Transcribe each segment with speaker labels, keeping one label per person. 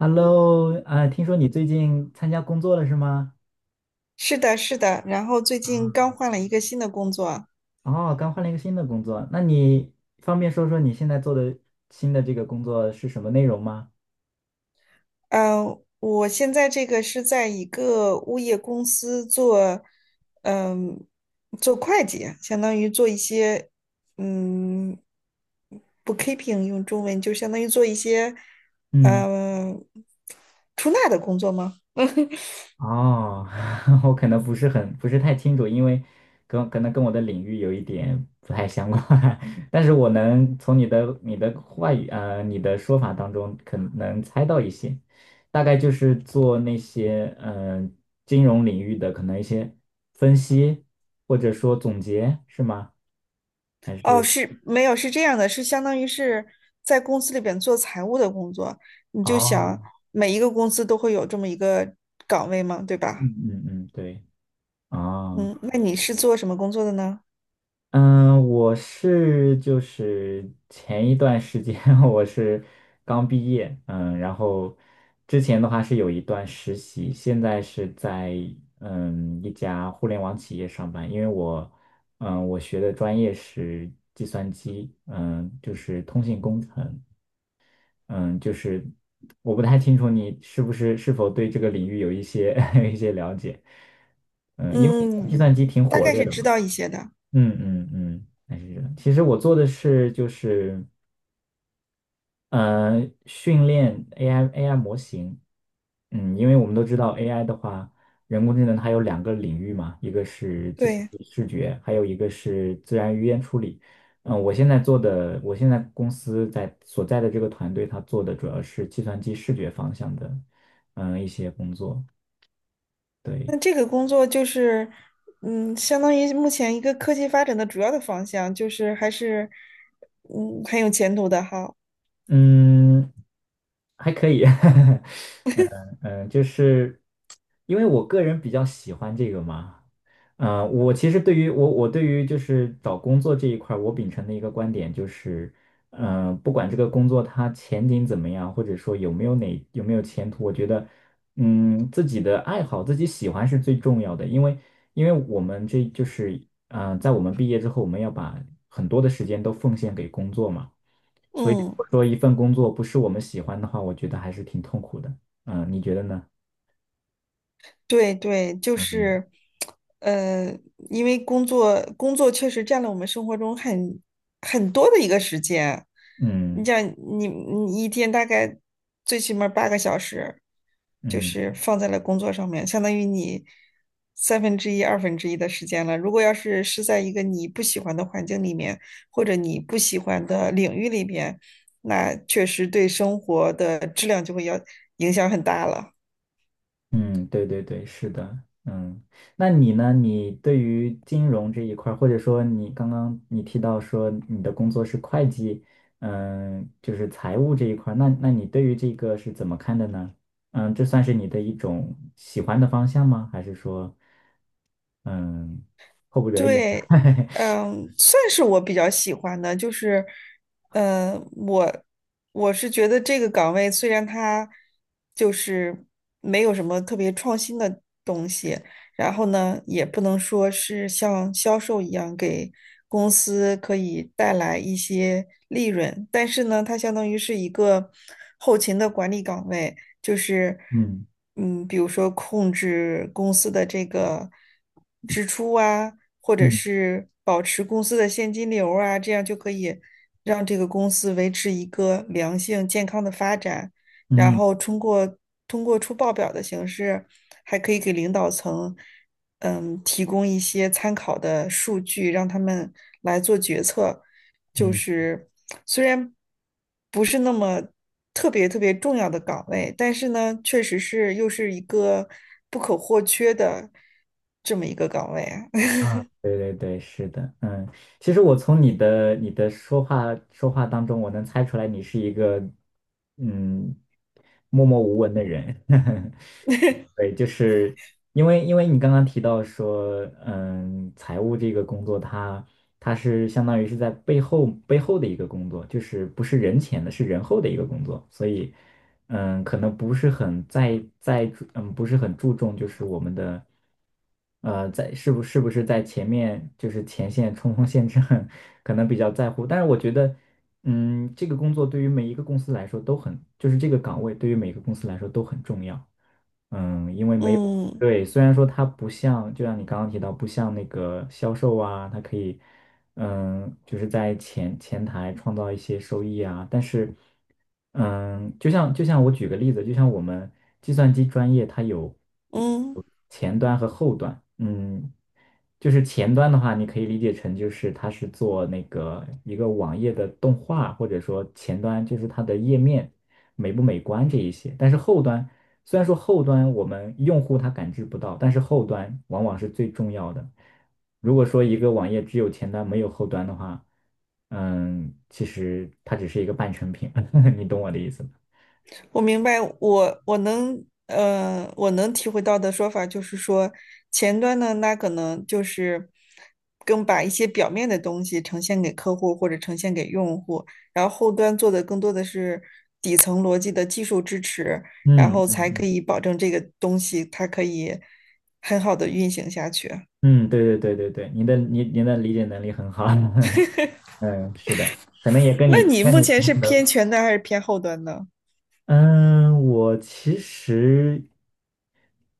Speaker 1: Hello，听说你最近参加工作了是吗？
Speaker 2: 是的，是的，然后最近刚
Speaker 1: 啊，
Speaker 2: 换了一个新的工作啊，
Speaker 1: 哦，刚换了一个新的工作，那你方便说说你现在做的新的这个工作是什么内容吗？
Speaker 2: 嗯、我现在这个是在一个物业公司做，嗯、做会计，相当于做一些，嗯，bookkeeping 用中文就相当于做一些，
Speaker 1: 嗯。
Speaker 2: 嗯、出纳的工作吗？
Speaker 1: 哦，我可能不是太清楚，因为可能跟我的领域有一点不太相关，但是我能从你的话语你的说法当中可能猜到一些，大概就是做那些金融领域的可能一些分析或者说总结是吗？还
Speaker 2: 哦，
Speaker 1: 是
Speaker 2: 是没有，是这样的，是相当于是在公司里边做财务的工作，你就
Speaker 1: 哦，
Speaker 2: 想每一个公司都会有这么一个岗位嘛，对吧？
Speaker 1: 嗯嗯嗯，对，哦。
Speaker 2: 嗯，那你是做什么工作的呢？
Speaker 1: 嗯，我是就是前一段时间 我是刚毕业，嗯，然后之前的话是有一段实习，现在是在嗯一家互联网企业上班，因为我嗯我学的专业是计算机，嗯，就是通信工程，嗯，就是我不太清楚你是不是是否对这个领域有一些 有一些了解，嗯，因为计
Speaker 2: 嗯，
Speaker 1: 算机挺
Speaker 2: 大
Speaker 1: 火
Speaker 2: 概
Speaker 1: 热
Speaker 2: 是
Speaker 1: 的
Speaker 2: 知
Speaker 1: 嘛。
Speaker 2: 道一些的。
Speaker 1: 嗯嗯嗯，还是这样。其实我做的是就是呃训练 AI 模型，嗯，因为我们都知道 AI 的话，人工智能它有两个领域嘛，一个是计算
Speaker 2: 对，
Speaker 1: 机视觉，还有一个是自然语言处理。嗯，我现在做的，我现在公司所在的这个团队，它做的主要是计算机视觉方向的，嗯，一些工作。对，
Speaker 2: 那这个工作就是，相当于目前一个科技发展的主要的方向，就是还是，很有前途的哈。
Speaker 1: 嗯，还可以，嗯嗯，就是因为我个人比较喜欢这个嘛，我其实对于我我对于就是找工作这一块儿，我秉承的一个观点就是，不管这个工作它前景怎么样，或者说有没有前途，我觉得，嗯，自己的爱好自己喜欢是最重要的，因为因为我们这就是，在我们毕业之后，我们要把很多的时间都奉献给工作嘛。所以如
Speaker 2: 嗯，
Speaker 1: 果说一份工作不是我们喜欢的话，我觉得还是挺痛苦的。嗯，你觉得呢？
Speaker 2: 对对，就
Speaker 1: 嗯
Speaker 2: 是，呃，因为工作确实占了我们生活中很多的一个时间。你
Speaker 1: 嗯
Speaker 2: 像你一天大概最起码儿八个小时，就
Speaker 1: 嗯
Speaker 2: 是放在了工作上面，相当于你三分之一、二分之一的时间了。如果要是在一个你不喜欢的环境里面，或者你不喜欢的领域里边，那确实对生活的质量就会要影响很大了。
Speaker 1: 嗯，对对对，是的。嗯，那你呢？你对于金融这一块儿，或者说你刚刚你提到说你的工作是会计，嗯，就是财务这一块儿，那你对于这个是怎么看的呢？嗯，这算是你的一种喜欢的方向吗？还是说，嗯，迫不得已？
Speaker 2: 对，算是我比较喜欢的，就是，嗯，我我是觉得这个岗位虽然它就是没有什么特别创新的东西，然后呢，也不能说是像销售一样给公司可以带来一些利润，但是呢，它相当于是一个后勤的管理岗位，就是
Speaker 1: 嗯
Speaker 2: 比如说控制公司的这个支出啊，或者
Speaker 1: 嗯
Speaker 2: 是保持公司的现金流啊，这样就可以让这个公司维持一个良性健康的发展。然
Speaker 1: 嗯
Speaker 2: 后通过出报表的形式，还可以给领导层提供一些参考的数据，让他们来做决策。就
Speaker 1: 嗯。
Speaker 2: 是虽然不是那么特别特别重要的岗位，但是呢，确实是又是一个不可或缺的这么一个岗位啊。
Speaker 1: 啊，对对对，是的，嗯，其实我从你的你的说话当中，我能猜出来你是一个嗯默默无闻的人，对，就是因为因为你刚刚提到说，嗯，财务这个工作它，它是相当于是在背后的一个工作，就是不是人前的，是人后的一个工作，所以。嗯，可能不是很在在注嗯，不是很注重，就是我们的，呃，在是不是在前面就是前线冲锋陷阵，可能比较在乎。但是我觉得，嗯，这个工作对于每一个公司来说都很，就是这个岗位对于每个公司来说都很重要。嗯，因为没有，
Speaker 2: 嗯
Speaker 1: 对，虽然说它不像，就像你刚刚提到，不像那个销售啊，它可以。嗯，就是在前台创造一些收益啊。但是，嗯，就像我举个例子，就像我们计算机专业，它有
Speaker 2: 嗯。
Speaker 1: 前端和后端。嗯，就是前端的话，你可以理解成就是它是做那个一个网页的动画，或者说前端就是它的页面美不美观这一些。但是后端虽然说后端我们用户他感知不到，但是后端往往是最重要的。如果说一个网页只有前端没有后端的话，嗯，其实它只是一个半成品，你懂我的意思吗？
Speaker 2: 我明白，我能体会到的说法就是说，前端呢，那可能就是更把一些表面的东西呈现给客户或者呈现给用户，然后后端做的更多的是底层逻辑的技术支持，然
Speaker 1: 嗯
Speaker 2: 后才可以保证这个东西它可以很好的运行下去。
Speaker 1: 嗯，对对对对对，你的理解能力很好，嗯，是的，可能也跟
Speaker 2: 那
Speaker 1: 你
Speaker 2: 你
Speaker 1: 跟
Speaker 2: 目
Speaker 1: 你
Speaker 2: 前
Speaker 1: 同
Speaker 2: 是
Speaker 1: 事
Speaker 2: 偏
Speaker 1: 的，
Speaker 2: 前端还是偏后端呢？
Speaker 1: 嗯，我其实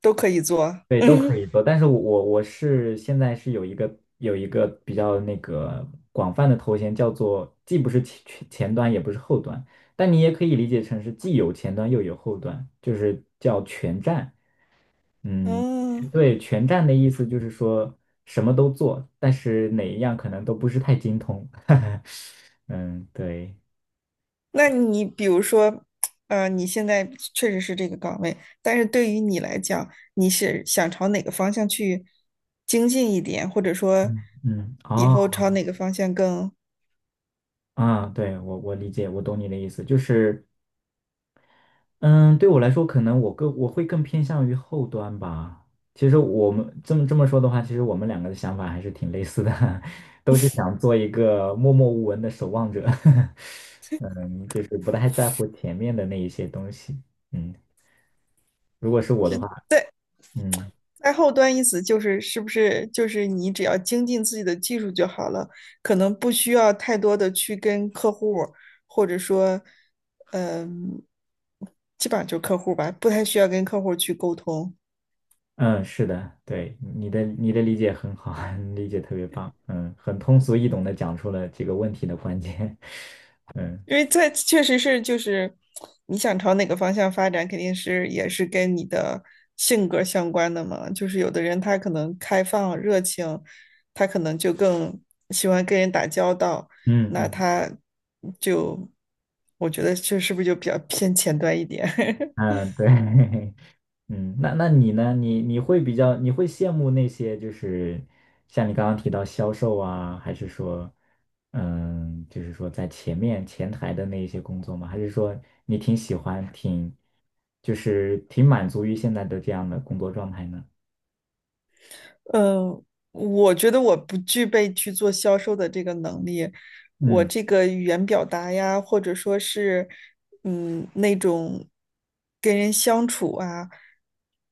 Speaker 2: 都可以做。
Speaker 1: 对，都可
Speaker 2: 嗯
Speaker 1: 以做，但是我是现在是有一个有一个比较那个广泛的头衔，叫做既不是前端，也不是后端，但你也可以理解成是既有前端又有后端，就是叫全站。嗯，
Speaker 2: 嗯。
Speaker 1: 对，全站的意思就是说什么都做，但是哪一样可能都不是太精通。嗯，对。
Speaker 2: 那你比如说，你现在确实是这个岗位，但是对于你来讲，你是想朝哪个方向去精进一点，或者说
Speaker 1: 嗯嗯，
Speaker 2: 以
Speaker 1: 哦，
Speaker 2: 后朝哪个方向更，
Speaker 1: 啊，对，我理解，我懂你的意思，就是，嗯，对我来说，可能我会更偏向于后端吧。其实我们这么说的话，其实我们两个的想法还是挺类似的，都是想做一个默默无闻的守望者。嗯，就是不太在乎前面的那一些东西。嗯，如果是我
Speaker 2: 就
Speaker 1: 的话，
Speaker 2: 在
Speaker 1: 嗯
Speaker 2: 在后端意思就是是不是就是你只要精进自己的技术就好了，可能不需要太多的去跟客户儿或者说，嗯、基本上就是客户儿吧，不太需要跟客户儿去沟通。
Speaker 1: 嗯，是的，对，你的理解很好，你理解特别棒。嗯，很通俗易懂的讲出了这个问题的关键。嗯
Speaker 2: 因为在确实是就是你想朝哪个方向发展，肯定是也是跟你的性格相关的嘛。就是有的人他可能开放热情，他可能就更喜欢跟人打交道，
Speaker 1: 嗯
Speaker 2: 那
Speaker 1: 嗯
Speaker 2: 他就我觉得这是不是就比较偏前端一点？
Speaker 1: 嗯，对。嗯，那你呢？你你会比较，你会羡慕那些就是像你刚刚提到销售啊，还是说，嗯，就是说在前面前台的那一些工作吗？还是说你挺喜欢，挺就是挺满足于现在的这样的工作状态呢？
Speaker 2: 嗯，我觉得我不具备去做销售的这个能力，我
Speaker 1: 嗯
Speaker 2: 这个语言表达呀，或者说是，那种跟人相处啊，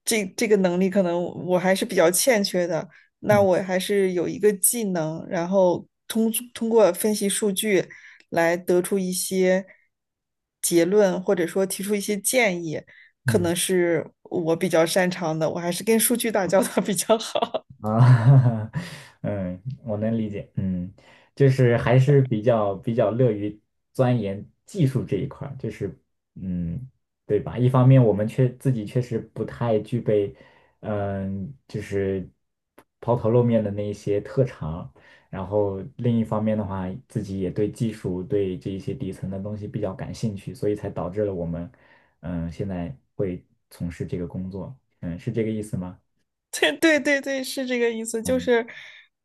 Speaker 2: 这个能力可能我还是比较欠缺的。那
Speaker 1: 嗯
Speaker 2: 我还是有一个技能，然后通过分析数据来得出一些结论，或者说提出一些建议，可
Speaker 1: 嗯。
Speaker 2: 能是我比较擅长的，我还是跟数据打交道比较好。
Speaker 1: 啊，嗯，我能理解，嗯，就是还是比较乐于钻研技术这一块儿，就是嗯，对吧？一方面我们自己确实不太具备，嗯，就是抛头露面的那一些特长，然后另一方面的话，自己也对技术对这一些底层的东西比较感兴趣，所以才导致了我们嗯现在会从事这个工作，嗯，是这个意思吗？
Speaker 2: 对对对对，是这个意思，就
Speaker 1: 嗯。
Speaker 2: 是，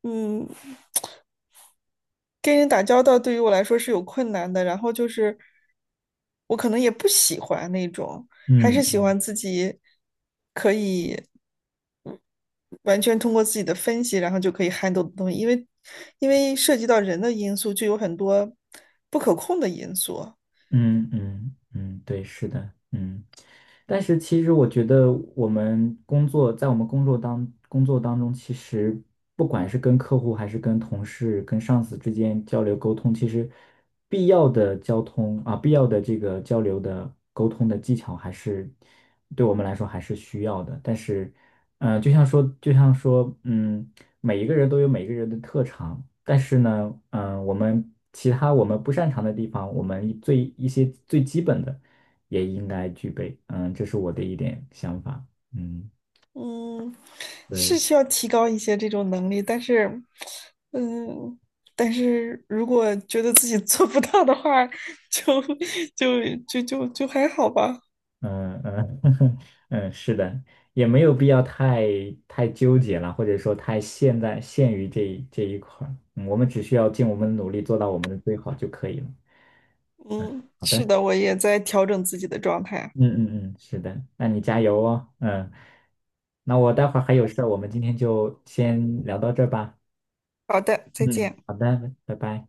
Speaker 2: 嗯，跟人打交道对于我来说是有困难的，然后就是我可能也不喜欢那种，还是喜
Speaker 1: 嗯
Speaker 2: 欢自己完全通过自己的分析，然后就可以 handle 的东西，因为涉及到人的因素，就有很多不可控的因素，
Speaker 1: 嗯嗯嗯，对，是的，嗯，但是其实我觉得我们工作，在我们工作当中，其实不管是跟客户还是跟同事、跟上司之间交流沟通，其实必要的交通啊，必要的这个交流的沟通的技巧，还是对我们来说还是需要的。但是，呃，就像说，嗯。每一个人都有每个人的特长，但是呢，我们我们不擅长的地方，我们最一些最基本的也应该具备。嗯，这是我的一点想法。嗯，
Speaker 2: 嗯，是
Speaker 1: 对，
Speaker 2: 需要提高一些这种能力，但是，嗯，但是如果觉得自己做不到的话，就 就就还好吧。
Speaker 1: 嗯嗯 嗯，是的，也没有必要太纠结了，或者说太现在限于这一块儿。嗯我们只需要尽我们的努力做到我们的最好就可以了。
Speaker 2: 嗯，
Speaker 1: 好
Speaker 2: 是
Speaker 1: 的。
Speaker 2: 的，我也在调整自己的状态。
Speaker 1: 嗯嗯嗯，是的，那你加油哦。嗯，那我待会儿还有事儿，我们今天就先聊到这儿吧。
Speaker 2: 好的，再
Speaker 1: 嗯，
Speaker 2: 见。
Speaker 1: 好的，拜拜。